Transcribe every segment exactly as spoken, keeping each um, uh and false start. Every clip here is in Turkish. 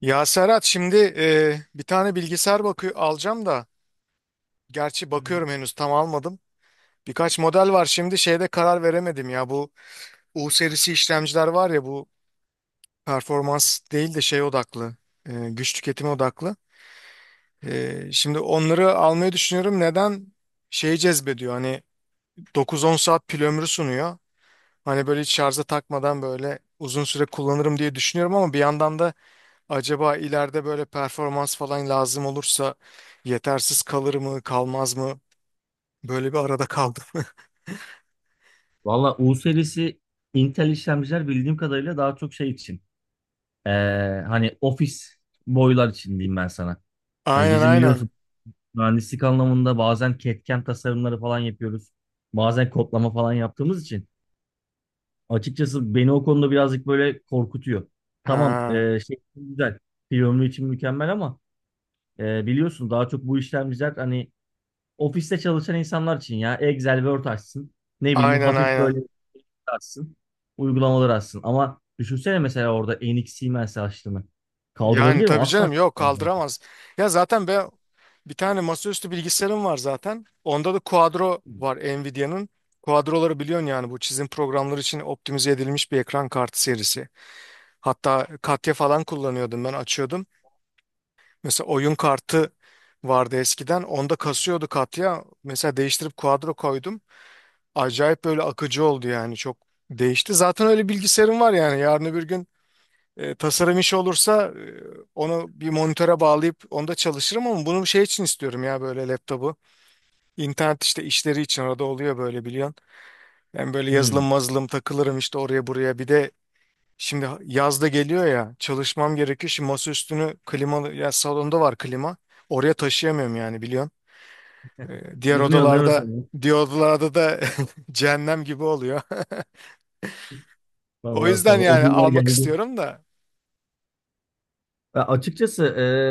Ya Serhat şimdi e, bir tane bilgisayar bakıyor alacağım da gerçi Hı hı. bakıyorum henüz tam almadım. Birkaç model var şimdi şeyde karar veremedim ya, bu U serisi işlemciler var ya, bu performans değil de şey odaklı, e, güç tüketimi odaklı. E, şimdi onları almayı düşünüyorum, neden, şeyi cezbediyor hani dokuz on saat pil ömrü sunuyor. Hani böyle hiç şarja takmadan böyle uzun süre kullanırım diye düşünüyorum ama bir yandan da Acaba ileride böyle performans falan lazım olursa yetersiz kalır mı, kalmaz mı? Böyle bir arada kaldım. Valla U serisi Intel işlemciler bildiğim kadarıyla daha çok şey için. Ee, hani ofis boylar için diyeyim ben sana. Hani Aynen, bizim biliyorsun aynen. mühendislik anlamında bazen C A D/C A M tasarımları falan yapıyoruz. Bazen kodlama falan yaptığımız için. Açıkçası beni o konuda birazcık böyle korkutuyor. Tamam, ee, Ha, şey için güzel. Piyonlu için mükemmel ama ee, biliyorsun daha çok bu işlemciler hani ofiste çalışan insanlar için ya Excel, Word açsın. Ne bileyim aynen, hafif aynen. böyle açsın. Uygulamalar açsın. Ama düşünsene mesela orada Enix Siemens açtığını. Yani Kaldırabilir mi? tabii Asla canım, yok, kaldıramaz. kaldıramaz. Ya zaten ben bir tane masaüstü bilgisayarım var zaten. Onda da Quadro var, Nvidia'nın. Quadro'ları biliyorsun, yani bu çizim programları için optimize edilmiş bir ekran kartı serisi. Hatta Katya falan kullanıyordum, ben açıyordum. Mesela oyun kartı vardı eskiden. Onda kasıyordu katya. Mesela değiştirip quadro koydum. Acayip böyle akıcı oldu yani. Çok değişti. Zaten öyle bilgisayarım var yani. Yarın öbür gün e, tasarım işi olursa e, onu bir monitöre bağlayıp onda çalışırım ama bunu şey için istiyorum ya, böyle laptopu. İnternet işte işleri için arada oluyor böyle, biliyorsun. Ben böyle Hmm. yazılım mazılım takılırım işte oraya buraya. Bir de Şimdi yaz da geliyor ya, çalışmam gerekiyor. Şimdi masa üstünü klimalı, ya salonda var klima. Oraya taşıyamıyorum yani, biliyorsun. Ee, diğer Yanıyorsun değil mi odalarda sonra? diğer odalarda da cehennem gibi oluyor. O Vallahi yüzden sonra o yani günler almak geldi. istiyorum da, Ya açıkçası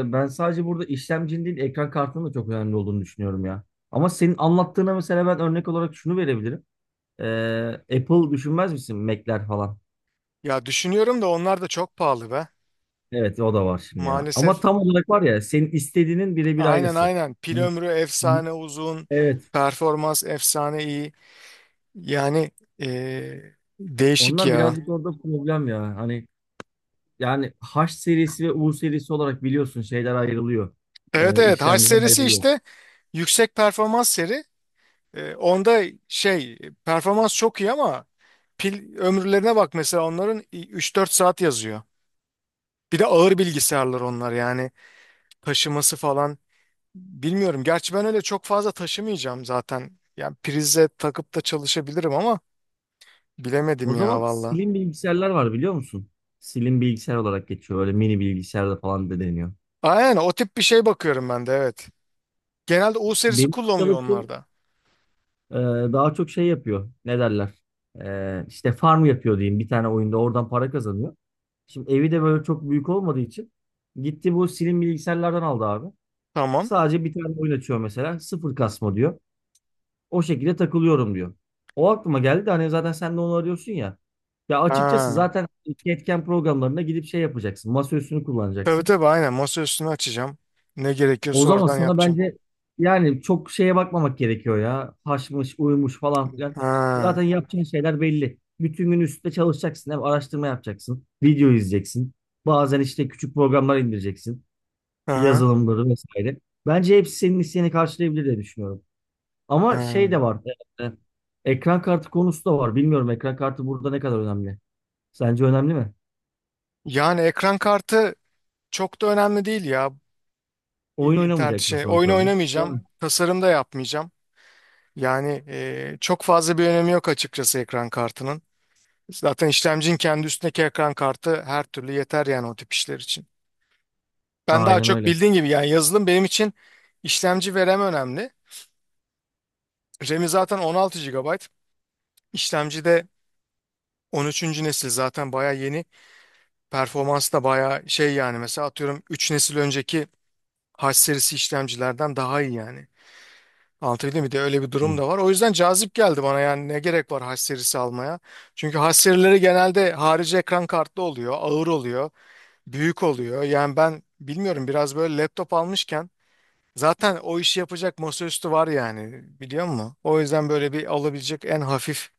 e, ben sadece burada işlemcinin değil ekran kartının da çok önemli olduğunu düşünüyorum ya. Ama senin anlattığına mesela ben örnek olarak şunu verebilirim. E, Apple düşünmez misin? Mac'ler falan. ya düşünüyorum da onlar da çok pahalı be. Evet, o da var şimdi ya. Ama Maalesef, tam olarak var ya senin istediğinin birebir aynen, aynısı. aynen, pil Hani, ömrü efsane uzun, evet. performans efsane iyi. Yani ee, değişik Ondan ya. birazcık orada problem ya. Hani yani H serisi ve U serisi olarak biliyorsun şeyler ayrılıyor. Evet, Ee, evet, H işlemciler serisi ayrılıyor. işte yüksek performans seri. E, onda şey performans çok iyi ama pil ömürlerine bak mesela, onların üç dört saat yazıyor. Bir de ağır bilgisayarlar onlar yani, taşıması falan bilmiyorum. Gerçi ben öyle çok fazla taşımayacağım zaten. Yani prize takıp da çalışabilirim ama bilemedim O ya zaman valla. slim bilgisayarlar var biliyor musun? Slim bilgisayar olarak geçiyor. Öyle mini bilgisayarda falan da deniyor. Aynen, o tip bir şey bakıyorum ben de, evet. Genelde U serisi Benim kullanılıyor arkadaşım onlarda. Ee, daha çok şey yapıyor. Ne derler? Ee, işte farm yapıyor diyeyim bir tane oyunda. Oradan para kazanıyor. Şimdi evi de böyle çok büyük olmadığı için gitti bu slim bilgisayarlardan aldı abi. Tamam. Sadece bir tane oyun açıyor mesela. Sıfır kasma diyor. O şekilde takılıyorum diyor. O aklıma geldi de hani zaten sen de onu arıyorsun ya. Ya açıkçası Ha. zaten etken programlarına gidip şey yapacaksın. Masaüstünü Tabii, kullanacaksın. tabii, aynen, masa üstünü açacağım. Ne O gerekiyorsa zaman oradan sana yapacağım. bence yani çok şeye bakmamak gerekiyor ya. Taşmış, uyumuş falan filan. Zaten Ha. yapacağın şeyler belli. Bütün gün üstte çalışacaksın. Hem araştırma yapacaksın. Video izleyeceksin. Bazen işte küçük programlar indireceksin. Aha. Yazılımları vesaire. Bence hepsi senin isteğini karşılayabilir diye düşünüyorum. Ama şey Ha. de var. e, e, Ekran kartı konusu da var. Bilmiyorum, ekran kartı burada ne kadar önemli. Sence önemli mi? Yani ekran kartı çok da önemli değil ya. Oyun İ- İnternet oynamayacaksın şey sonuç oyun olarak. Değil mi? oynamayacağım. Tasarım da yapmayacağım. Yani e, çok fazla bir önemi yok açıkçası ekran kartının. Zaten işlemcinin kendi üstündeki ekran kartı her türlü yeter yani o tip işler için. Ben daha Aynen çok öyle. bildiğin gibi, yani yazılım benim için işlemci ve RAM önemli. R A M'i zaten on altı gigabayt. İşlemci de on üçüncü nesil, zaten bayağı yeni. Performans da bayağı şey yani, mesela atıyorum üç nesil önceki H serisi işlemcilerden daha iyi yani. Anlatabildim mi? Bir de öyle bir durum da var. O yüzden cazip geldi bana yani, ne gerek var haş serisi almaya. Çünkü haş serileri genelde harici ekran kartlı oluyor, ağır oluyor, büyük oluyor. Yani ben bilmiyorum, biraz böyle laptop almışken zaten o işi yapacak masaüstü var yani, biliyor musun? O yüzden böyle bir alabilecek en hafif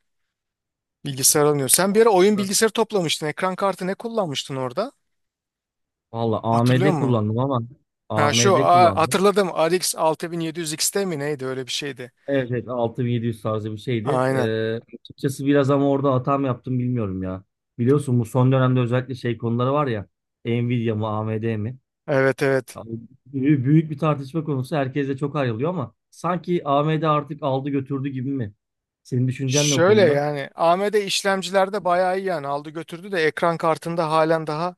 bilgisayar alınıyor. Sen bir ara oyun Hı. bilgisayarı toplamıştın. Ekran kartı ne kullanmıştın orada? Valla Hatırlıyor A M D musun? kullandım ama Ha şu, A M D aa, kullandım. hatırladım, R X altmış yedi yüz X T mi neydi, öyle bir şeydi. Evet, evet altı bin yedi yüz tarzı bir şeydi. Aynen. Ee, açıkçası biraz ama orada hata mı yaptım bilmiyorum ya. Biliyorsun bu son dönemde özellikle şey konuları var ya. Nvidia mı A M D mi? Evet, evet. Ya, büyü- büyük bir tartışma konusu. Herkes de çok ayrılıyor ama sanki A M D artık aldı götürdü gibi mi? Senin düşüncen ne o Şöyle konuda? yani A M D işlemcilerde bayağı iyi yani, aldı götürdü de ekran kartında halen daha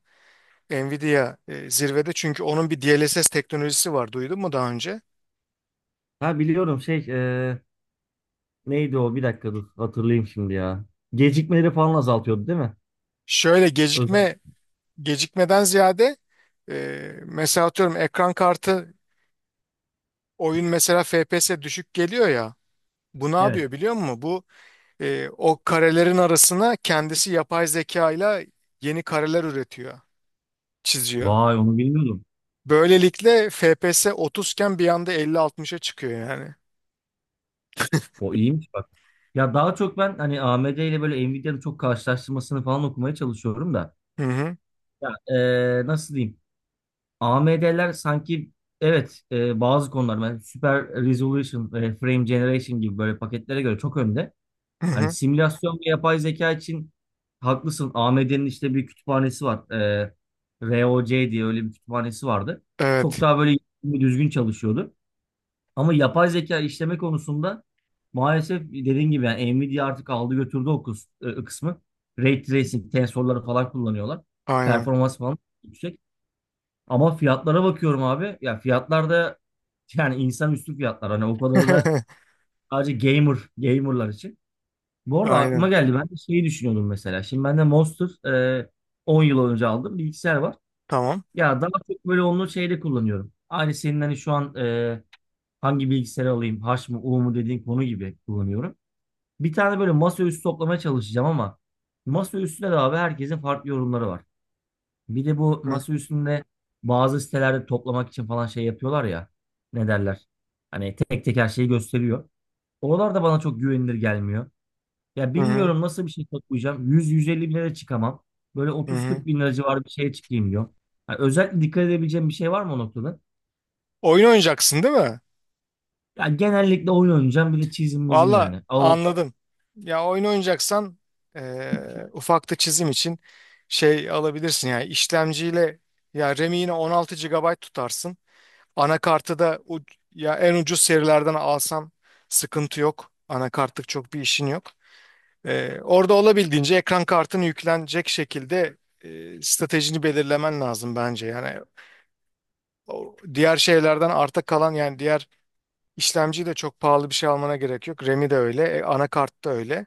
Nvidia e, zirvede, çünkü onun bir D L S S teknolojisi var, duydun mu daha önce? Ha, biliyorum şey, e, neydi o? Bir dakika dur hatırlayayım şimdi ya. Gecikmeleri falan azaltıyordu değil mi? Şöyle Özel. gecikme gecikmeden ziyade e, mesela atıyorum ekran kartı oyun, mesela F P S düşük geliyor ya, bu ne Evet. yapıyor biliyor musun? Bu e, o karelerin arasına kendisi yapay zeka ile yeni kareler üretiyor, çiziyor. Vay, onu bilmiyordum. Böylelikle F P S otuz iken bir anda elli altmışa çıkıyor yani. O iyiymiş bak. Ya daha çok ben hani A M D ile böyle Nvidia'nın çok karşılaştırmasını falan okumaya çalışıyorum da. Hı hı. Ya, eee, nasıl diyeyim? A M D'ler sanki evet, eee, bazı konular yani Super Resolution, eee, Frame Generation gibi böyle paketlere göre çok önde. Hı Hani hı. simülasyon ve yapay zeka için haklısın. A M D'nin işte bir kütüphanesi var. Eee rok diye öyle bir kütüphanesi vardı. Çok Evet. daha böyle düzgün çalışıyordu. Ama yapay zeka işleme konusunda maalesef dediğim gibi yani Nvidia artık aldı götürdü o kıs- e, kısmı. Ray tracing, tensorları falan kullanıyorlar. Aynen. Performans falan yüksek. Ama fiyatlara bakıyorum abi. Ya fiyatlar da yani insan üstü fiyatlar. Hani o kadarı da sadece gamer, gamerlar için. Bu arada aklıma Aynen. geldi. Ben de şeyi düşünüyordum mesela. Şimdi ben de Monster e, on yıl önce aldım. Bilgisayar var. Tamam. Ya daha çok böyle onu şeyde kullanıyorum. Aynı senin hani şu an e, hangi bilgisayarı alayım, H mı U mu dediğin konu gibi kullanıyorum. Bir tane böyle masaüstü toplamaya çalışacağım ama masaüstüne de abi herkesin farklı yorumları var. Bir de bu Hı masaüstünde bazı sitelerde toplamak için falan şey yapıyorlar ya. Ne derler? Hani tek tek her şeyi gösteriyor. Oralar da bana çok güvenilir gelmiyor. Ya hı. bilmiyorum nasıl bir şey toplayacağım. yüz yüz elli bin lira çıkamam. Böyle Hı hı. otuz kırk bin lira civarı bir şeye çıkayım diyor. Yani özellikle dikkat edebileceğim bir şey var mı o noktada? Oyun oynayacaksın değil mi? Ya genellikle oyun oynayacağım, bir de çizim mizim Valla yani. anladım. Ya oyun oynayacaksan eee ufakta çizim için şey alabilirsin yani işlemciyle, ya R A M'i yine on altı gigabayt tutarsın. Anakartı da u- ya en ucuz serilerden alsan sıkıntı yok. Anakartlık çok bir işin yok. Ee, orada olabildiğince ekran kartını yüklenecek şekilde e, stratejini belirlemen lazım bence. Yani o diğer şeylerden arta kalan, yani diğer işlemci de çok pahalı bir şey almana gerek yok. R A M'i de öyle, e, anakart da öyle.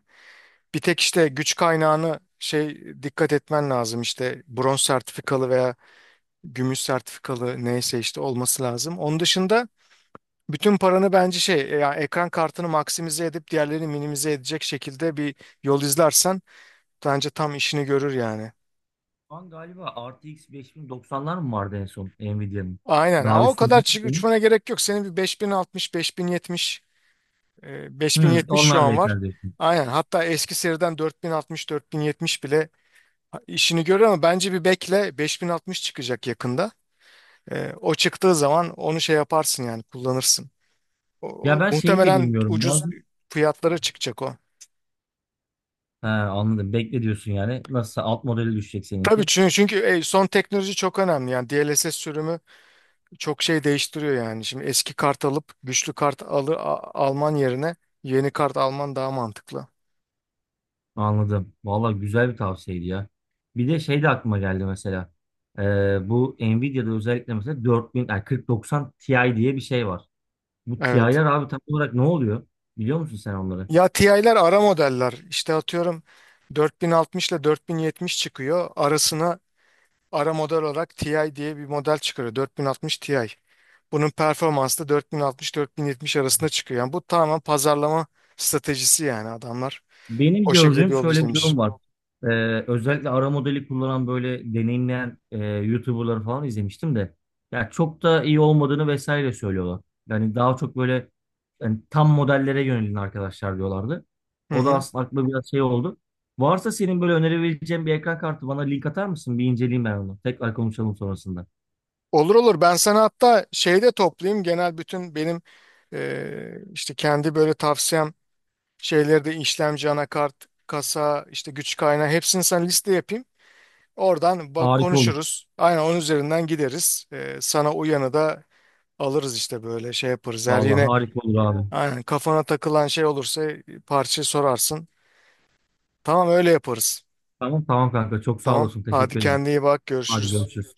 Bir tek işte güç kaynağını şey dikkat etmen lazım, işte bronz sertifikalı veya gümüş sertifikalı, neyse işte, olması lazım. Onun dışında bütün paranı bence şey, e, yani ekran kartını maksimize edip diğerlerini minimize edecek şekilde bir yol izlersen bence tam işini görür yani. Şu an galiba R T X beş bin doksanlar mı vardı en son Nvidia'nın? Aynen. Daha Ama O üstü var kadar çık mı? uçmana gerek yok. Senin bir beş bin altmış, elli yetmiş, e, Hı, beş bin yetmiş şu onlar da an var. yeter diyorsun. Aynen. Hatta eski seriden dört bin altmış, dört bin yetmiş bile işini görüyor ama bence bir bekle, beş bin altmış çıkacak yakında. E, O çıktığı zaman onu şey yaparsın yani, kullanırsın. O, Ya o- ben şeyi de Muhtemelen bilmiyorum. ucuz Bazen... fiyatlara çıkacak o. He, anladım. Bekle diyorsun yani. Nasılsa alt modeli düşecek Tabii, seninki. çünkü, çünkü e, son teknoloji çok önemli. Yani D L S S sürümü çok şey değiştiriyor yani. Şimdi eski kart alıp güçlü kart alı, a- alman yerine yeni kart alman daha mantıklı. Anladım. Vallahi güzel bir tavsiyeydi ya. Bir de şey de aklıma geldi mesela. Ee, bu Nvidia'da özellikle mesela dört bin, yani kırk doksan Ti diye bir şey var. Bu Evet. Ti'ler abi tam olarak ne oluyor? Biliyor musun sen onları? Ya T I'ler ara modeller. İşte atıyorum dört bin altmış ile dört bin yetmiş çıkıyor. Arasına ara model olarak T I diye bir model çıkarıyor. dört bin altmış Ti. Bunun performansı da kırk altmış kırk yetmiş arasında çıkıyor. Yani bu tamamen pazarlama stratejisi yani, adamlar Benim o şekilde bir gördüğüm yol şöyle bir izlemiş. durum var. Ee, özellikle ara modeli kullanan böyle deneyimleyen e, YouTuber'ları falan izlemiştim de. Ya çok da iyi olmadığını vesaire söylüyorlar. Yani daha çok böyle yani tam modellere yönelin arkadaşlar diyorlardı. Hı O da hı. aslında aklıma biraz şey oldu. Varsa senin böyle önerebileceğin bir ekran kartı bana link atar mısın? Bir inceleyeyim ben onu. Tekrar konuşalım sonrasında. Olur, olur, ben sana hatta şeyde toplayayım, genel bütün benim eee, işte kendi böyle tavsiyem şeyleri de, işlemci, anakart, kasa, işte güç kaynağı, hepsini sana liste yapayım. Oradan bak, Harika olur. konuşuruz. Aynen onun üzerinden gideriz. Eee, sana uyanı da alırız işte, böyle şey yaparız. Her Vallahi yine harika olur abi. aynen, kafana takılan şey olursa e, parça sorarsın. Tamam, öyle yaparız. Tamam tamam kanka. Çok sağ Tamam, olasın. hadi Teşekkür ederim. kendine iyi bak, Hadi görüşürüz. görüşürüz.